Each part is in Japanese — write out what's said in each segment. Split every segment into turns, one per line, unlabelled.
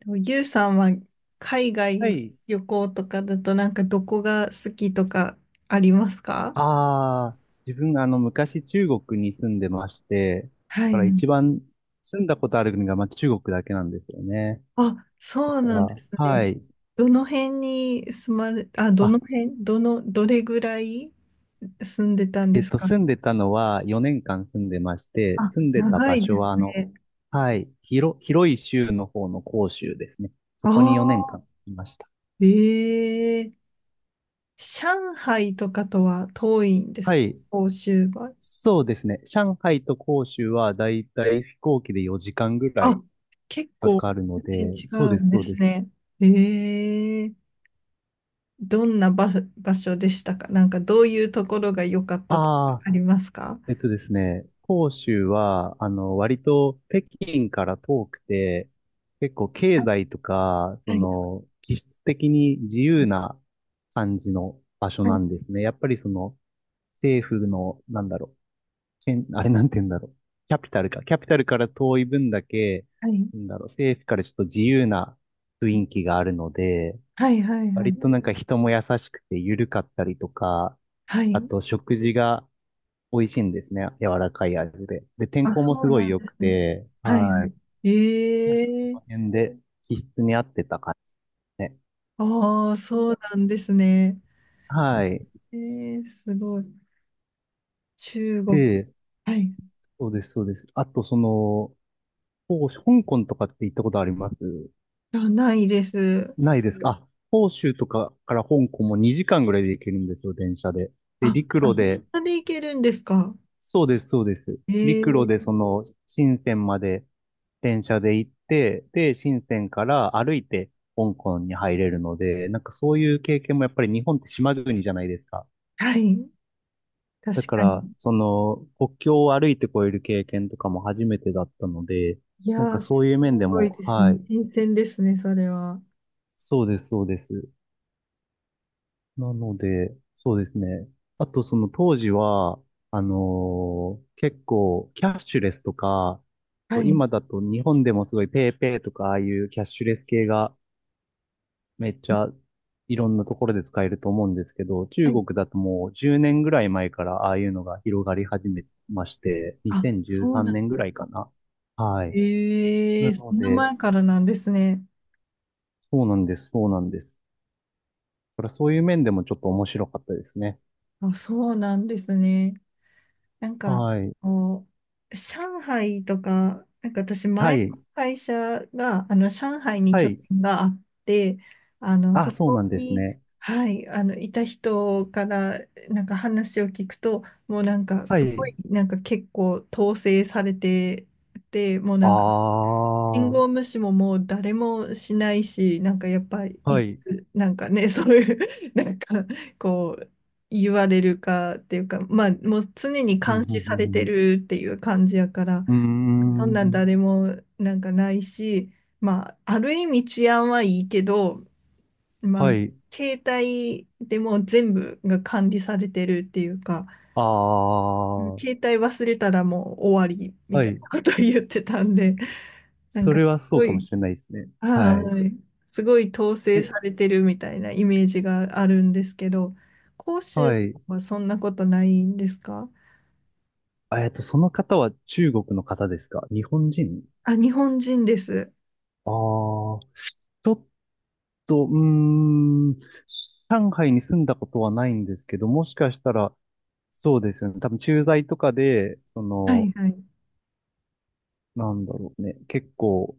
でもゆうさんは海
は
外
い。
旅行とかだとなんかどこが好きとかありますか？
ああ、自分が昔中国に住んでまして、だ
は
か
い。
ら一番住んだことある国がまあ中国だけなんですよね。
あ、
だ
そう
か
なんで
ら、
す
は
ね。
い。
どの辺に住まれ、あ、ど
あ、
の辺、どの、どれぐらい住んでたんですか？
住んでたのは4年間住んでまして、
あ、
住んでた
長
場
いで
所は
すね。
はい、広い州の方の広州ですね。そ
あ
こに4
あ、
年間いました。
ええ、上海とかとは遠いんで
は
すか？
い。
欧州は。
そうですね。上海と広州はだいたい飛行機で4時間ぐらい
あ、結
か
構
かるの
全然
で、そう
違う
です、
ん
そ
で
う
す
です。
ね。ええ、どんな場、場所でしたか？なんかどういうところが良かったとか
ああ、
ありますか？
えっとですね、広州は、割と北京から遠くて、結構
は
経
い、
済とか、
はい、
気質的に自由な感じの場所
は
な
い、
んですね。やっぱり政府の、けんあれなんて言うんだろう、キャピタルか。キャピタルから遠い分だけ、
は
政府からちょっと自由な雰囲気があるので、
い、はい、は
割と
い。
なんか人も優しくて緩かったりとか、
は
あ
い、
と食事が、美味しいんですね。柔らかい味で。で、天
あ、
候も
そ
す
う
ご
な
い
ん
良
で
く
すね。
て、
はい。は
はい。
い、
なんか、
え
この
え、
辺で気質に合ってた感じですね。
ああー、そうなんですね。
はい。
ええ、すごい。中国。
で、
はい。
そうです、そうです。あと、香港とかって行ったことあります
あ、ないです。
ないですかあ、広州とかから香港も2時間ぐらいで行けるんですよ、電車で。で、
あ、
陸
あ、
路
電
で
車で行けるんですか？
そうです、そうです。陸路で
ええ、
深センまで電車で行って、で、深センから歩いて香港に入れるので、なんかそういう経験もやっぱり日本って島国じゃないですか。
はい。
だ
確
か
か
ら、
に。
国境を歩いて越える経験とかも初めてだったので、
い
なん
や
か
ー、す
そういう面で
ごい
も、
ですね。
はい、
新鮮ですね、それは。
そうです、そうです。なので、そうですね。あと、その当時は、結構、キャッシュレスとか、
はい。
今だと日本でもすごいペイペイとか、ああいうキャッシュレス系がめっちゃいろんなところで使えると思うんですけど、
は
中
い、
国だともう10年ぐらい前からああいうのが広がり始めまして、
あ、
2013
そうなん
年ぐ
で
ら
す
いか
か。
な。はい。
え
な
え、そ
の
んな
で、
前からなんですね。
そうなんです、そうなんです。だからそういう面でもちょっと面白かったですね。
あ、そうなんですね。なんか、
はい。
こう、上海とか、なんか私、
は
前の
い。
会社が、あの、上海に
は
拠
い。
点があって、あの、
あ、
そ
そう
こ
なんです
に、
ね。
はい、あの、いた人から、なんか話を聞くと、もうなんか、
は
すご
い。
い、なんか結構統制されてて、もう
あ
なんか、信
あ、
号無視ももう誰もしないし、なんかやっぱい
はい。
つ、なんかね、そういう、なんかこう、言われるかっていうか、まあもう常に
う
監
ん、う
視されて
ん、
るっていう感じやから、
う
そん
ん。う
な
ー
ん
ん。
誰もなんかないし、まあある意味治安はいいけど、ま
は
あ
い。
携帯でもう全部が管理されてるっていうか、
ああ、は
携帯忘れたらもう終わりみたいな
い。
ことを言ってたんで、なん
そ
か
れ
す
はそう
ご
かも
い、
しれないですね。は
は
い。
い。すごい統制
え、
されてるみたいなイメージがあるんですけど、広州
はい。
はそんなことないんですか？
あその方は中国の方ですか？日本人？
あ、日本人です。
ああー、ちょっと、うーん、上海に住んだことはないんですけど、もしかしたら、そうですよね。多分駐在とかで、
はいはい。
結構、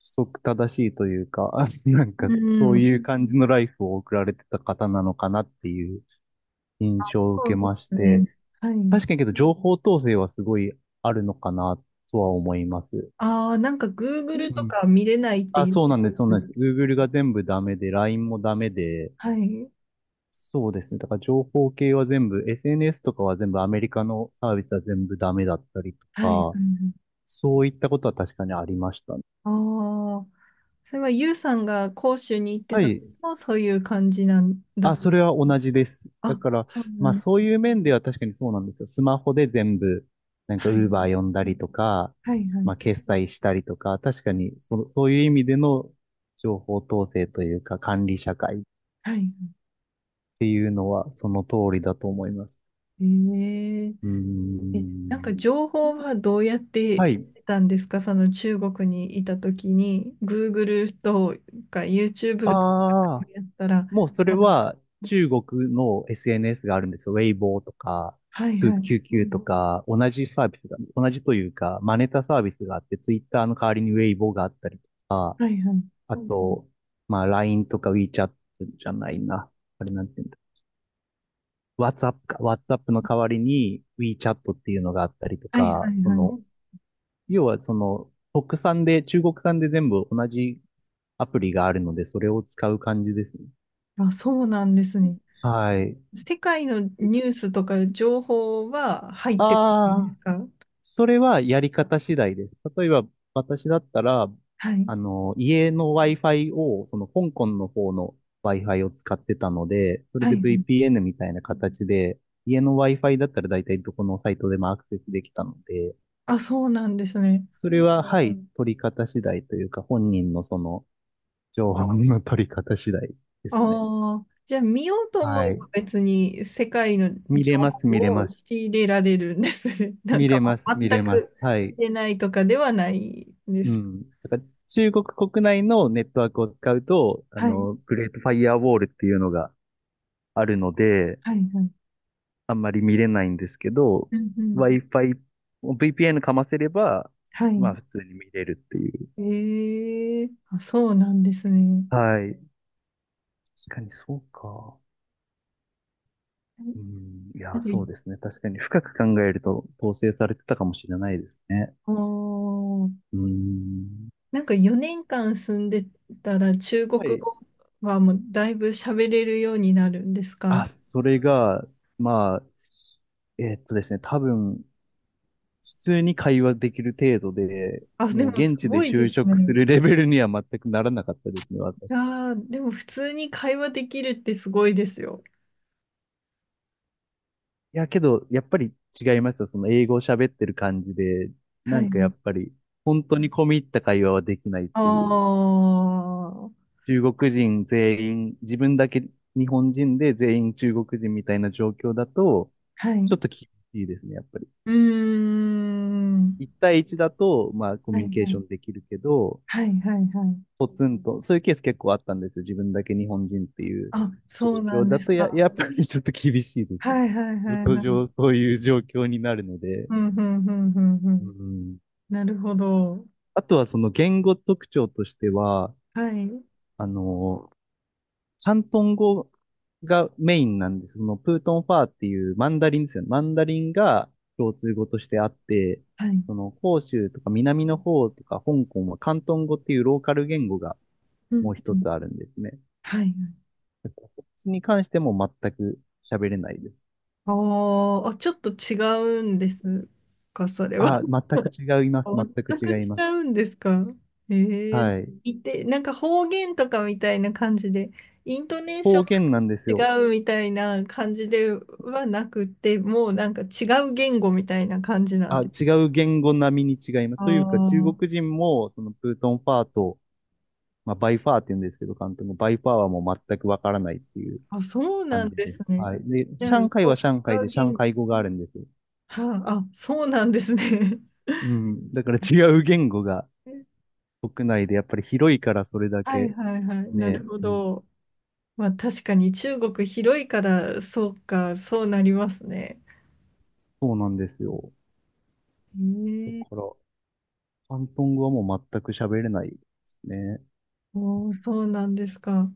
規則正しいというか、あなんか
う
そう
ん。
いう感じのライフを送られてた方なのかなっていう印象を
そ
受け
うで
まし
すね。
て、
はい。
確かにけど情報統制はすごいあるのかなとは思います。
ああ、なんか
う
Google と
ん。
か見れないって
あ、
言っ
そう
て
なんです、そう
ま
な
した
ん
ね。
です。Google が全部ダメで、LINE もダメで、
はい。
そうですね。だから情報系は全部、SNS とかは全部アメリカのサービスは全部ダメだったりと
はい。
か、そういったことは確かにありましたね。
ああー、それはユウさんが広州に行って
は
たの
い、
もそういう感じなんだ。
あ、それは同じです。だ
あ、
から、
そうな
ま
ん
あ
で
そう
す。
いう面では確かにそうなんですよ。スマホで全部、なんか
はい。
Uber 呼んだりとか、
はいは
ま
い。
あ決済したりとか、確かにそ、そういう意味での情報統制というか管理社会っ
はい。
ていうのはその通りだと思います。
ええ、
うー
え、なん
ん。
か情報はどうやっ
は
て
い。
得たんですか？その中国にいた時に Google とか YouTube とか
ああ。
やったら。
もうそれ
あ、
は中国の SNS があるんですよ。ウェイボーとか、
はい
きゅ
は
う
い
QQ とか、同じサービスが、同じというか、真似たサービスがあって、ツイッターの代わりにウェイボーがあったりとか、
はいはい
あと、まあ LINE とか WeChat じゃないな。あれなんて言うんだ。WhatsApp か。WhatsApp の代わりに WeChat っていうのがあったりと
はいは
か、
いはい、
要は国産で、中国産で全部同じアプリがあるので、それを使う感じですね。
あ、そうなんですね。
はい。
世界のニュースとか情報は入ってこないです
ああ。
か？
それはやり方次第です。例えば、私だったら、
はい
あの、家の Wi-Fi を、その香港の方の Wi-Fi を使ってたので、それ
は
で
いはい、
VPN みたいな形で、家の Wi-Fi だったら大体どこのサイトでもアクセスできたので、
あ、そうなんですね。
それは、はうい、ん取り方次第というか、本人の情報の取り方次第ですね。
ああ、じゃあ見ようと思
は
え
い。
ば別に世界の
見
情
れます、
報
見れ
を
ます。
仕入れられるんですね。なん
見
か
れ
も
ます、
う
見れ
全
ま
く
す。はい。
出ないとかではないんで
う
す。
ん。だから中国国内のネットワークを使うと、あ
はい、
の、グレートファイアウォールっていうのがあるので、
はい、はい。
あんまり見れないんですけど、
うんうん、
Wi-Fi、VPN かませれば、
は
ま
い。
あ普通に見れるっていう。
ええ、あ、そうなんですね。
はい。確かにそうか。うん。い
な
や、
んか、
そうですね。確かに深く考えると統制されてたかもしれないですね。
あー
うん。
なんか4年間住んでたら中国
はい。
語はもうだいぶ喋れるようになるんですか？
あ、それが、まあ、ですね、多分、普通に会話できる程度で、
あ、で
もう
もす
現地で
ごいで
就
す
職す
ね。
るレベルには全くならなかったですね、私。い
やー、でも普通に会話できるってすごいですよ。
や、けど、やっぱり違いますよ。その英語を喋ってる感じで、な
は
ん
い。
かやっぱり、本当に込み入った会話はできないっ
あ
ていう。
あ、は
中国人全員、自分だけ日本人で全員中国人みたいな状況だと、ちょっ
い。
と厳しいですね、やっぱり。
うーん。
一対一だと、まあ、コ
はい
ミュニケー
は
ションで
い。
きるけど、
はいはいはい。
ポツンと、そういうケース結構あったんですよ。自分だけ日本人っていう
あ、
状
そうな
況
ん
だ
です
と
か。
やっぱりちょっと厳しいです。
はいはい
仕
はい
事
はい。
上、そういう状況になるので。
うん、うん、うん、うん、う
う
ん。
ん。
なるほど。
あとはその言語特徴としては、
はい。
あの、広東語がメインなんです。そのプートンファーっていうマンダリンですよね。マンダリンが共通語としてあって、
はい。
その広州とか南の方とか香港は広東語っていうローカル言語が
う
も
ん、
う
う
一
ん。
つあるんですね。
はい。
だからそっちに関しても全く喋れないです。
ああ、あ、ちょっと違うんですか、それは。
あ、全く違います。全く
全く違
違います。
うんですか？えー、
はい。
いて、なんか方言とかみたいな感じで、イントネーショ
方
ン
言なんですよ。
が違うみたいな感じではなくて、もうなんか違う言語みたいな感じなん
あ、
です。
違う言語並みに違います。というか、中
あ
国人も、そのプートンファーと、まあ、バイファーって言うんですけど、関東のバイファーはもう全くわからないっていう
あ、あ、そうな
感
ん
じ
で
で
す
す。
ね。
はい。で、
じゃあ、も
上海
う
は上海
違
で
う
上
言
海
語。
語があるんですよ。
はあ、あ、そうなんですね。
うん。だから違う言語が 国内でやっぱり広いからそれだ
はい
け
はいはい。な
ね、
るほ
うん、
ど。まあ確かに中国広いから、そうか、そうなりますね。
そうなんですよ。
へ
だ
え、
から、広東語はもう全く喋れないですね。
おお、そうなんですか。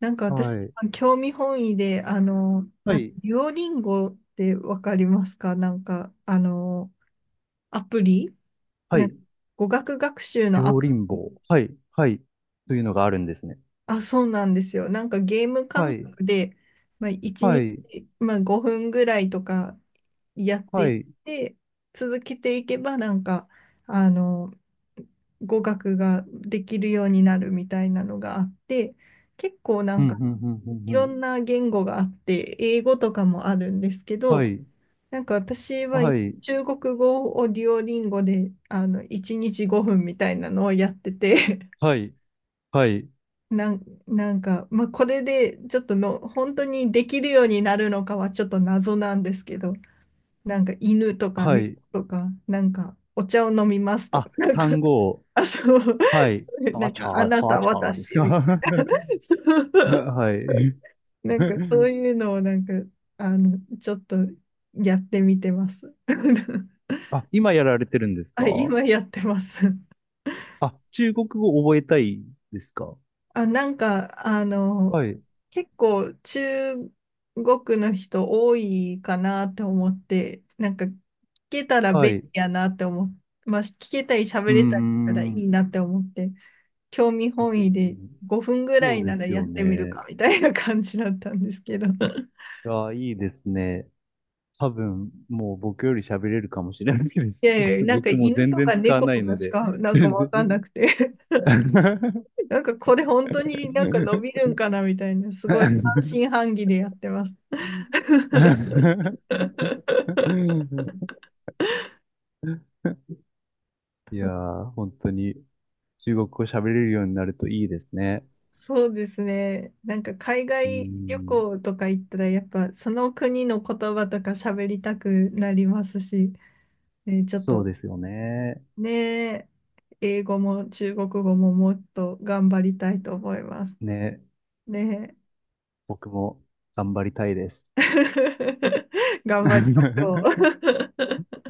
なんか私、
はい。
興味本位で、あの、
は
なんか、
い。
デュオリンゴってわかりますか？なんか、あの、アプリ、
は
なん
い。
か語学学習のア
両
プ
輪
リ、
棒。はい。はい。というのがあるんですね。
あ、そうなんですよ。なんかゲーム
は
感
い。
覚で、まあ、1
はい。
日、まあ、5分ぐらいとかやって
は
いっ
い。
て、続けていけば、なんか、あの、語学ができるようになるみたいなのがあって、結構な
う
ん
ん、うん、
か、
うん、
い
うん、う
ろ
ん。
んな言語があって、英語とかもあるんですけ
は
ど、
い。
なんか私は
はい。
中国語をデュオリンゴで、あの、1日5分みたいなのをやってて、
はい。はい。
なん、なんか、まあ、これでちょっとの本当にできるようになるのかはちょっと謎なんですけど、なんか犬とか
は
猫
い。
とか、なんかお茶を飲みますとか、
あ、
なんか、
単 語を。
あ、そう、
はい。
な
は
ん
ちゃー、
かあな
は
た、
ちゃーです
私、
か？
みたいな、そ う、
はい。
なんかそういうのをなんか、あの、ちょっとやってみてます。
あ、今やられてるんですか？
あ、今やってます。
あ、中国語覚えたいですか？
あ、なんか、あの、
はい。
結構中国の人多いかなって思って、なんか聞けたら
は
便利
い。う
やなって思って、まあ、聞けたり喋
ーん。
れたりしたらい
う
い
ん、
なって思って、興味
うん、
本
う
位で
ん。
5分ぐら
そう
い
で
なら
す
やっ
よ
てみる
ね。
かみたいな感じだったんですけど、
いや、いいですね。多分、もう僕より喋れるかもしれないです。
いやいや、なんか
僕も
犬
全
と
然
か
使わ
猫
な
と
いの
かし
で、
か なんか
全
わ
然。
かんなくて、なんかこれ本当になんか伸びるんかなみたいな、すごい半信半疑でやってます。
いやー、本当に中国語喋れるようになるといいですね。
そうですね。なんか海
うー
外旅
ん、
行とか行ったら、やっぱその国の言葉とか喋りたくなりますし、ね、ちょっ
そう
と
ですよね。
ね、英語も中国語ももっと頑張りたいと思います。
ね、
ね。
僕も頑張りたいです。
頑張りましょう。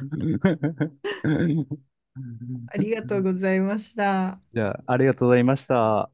ありがと うございました。
じゃあ、ありがとうございました。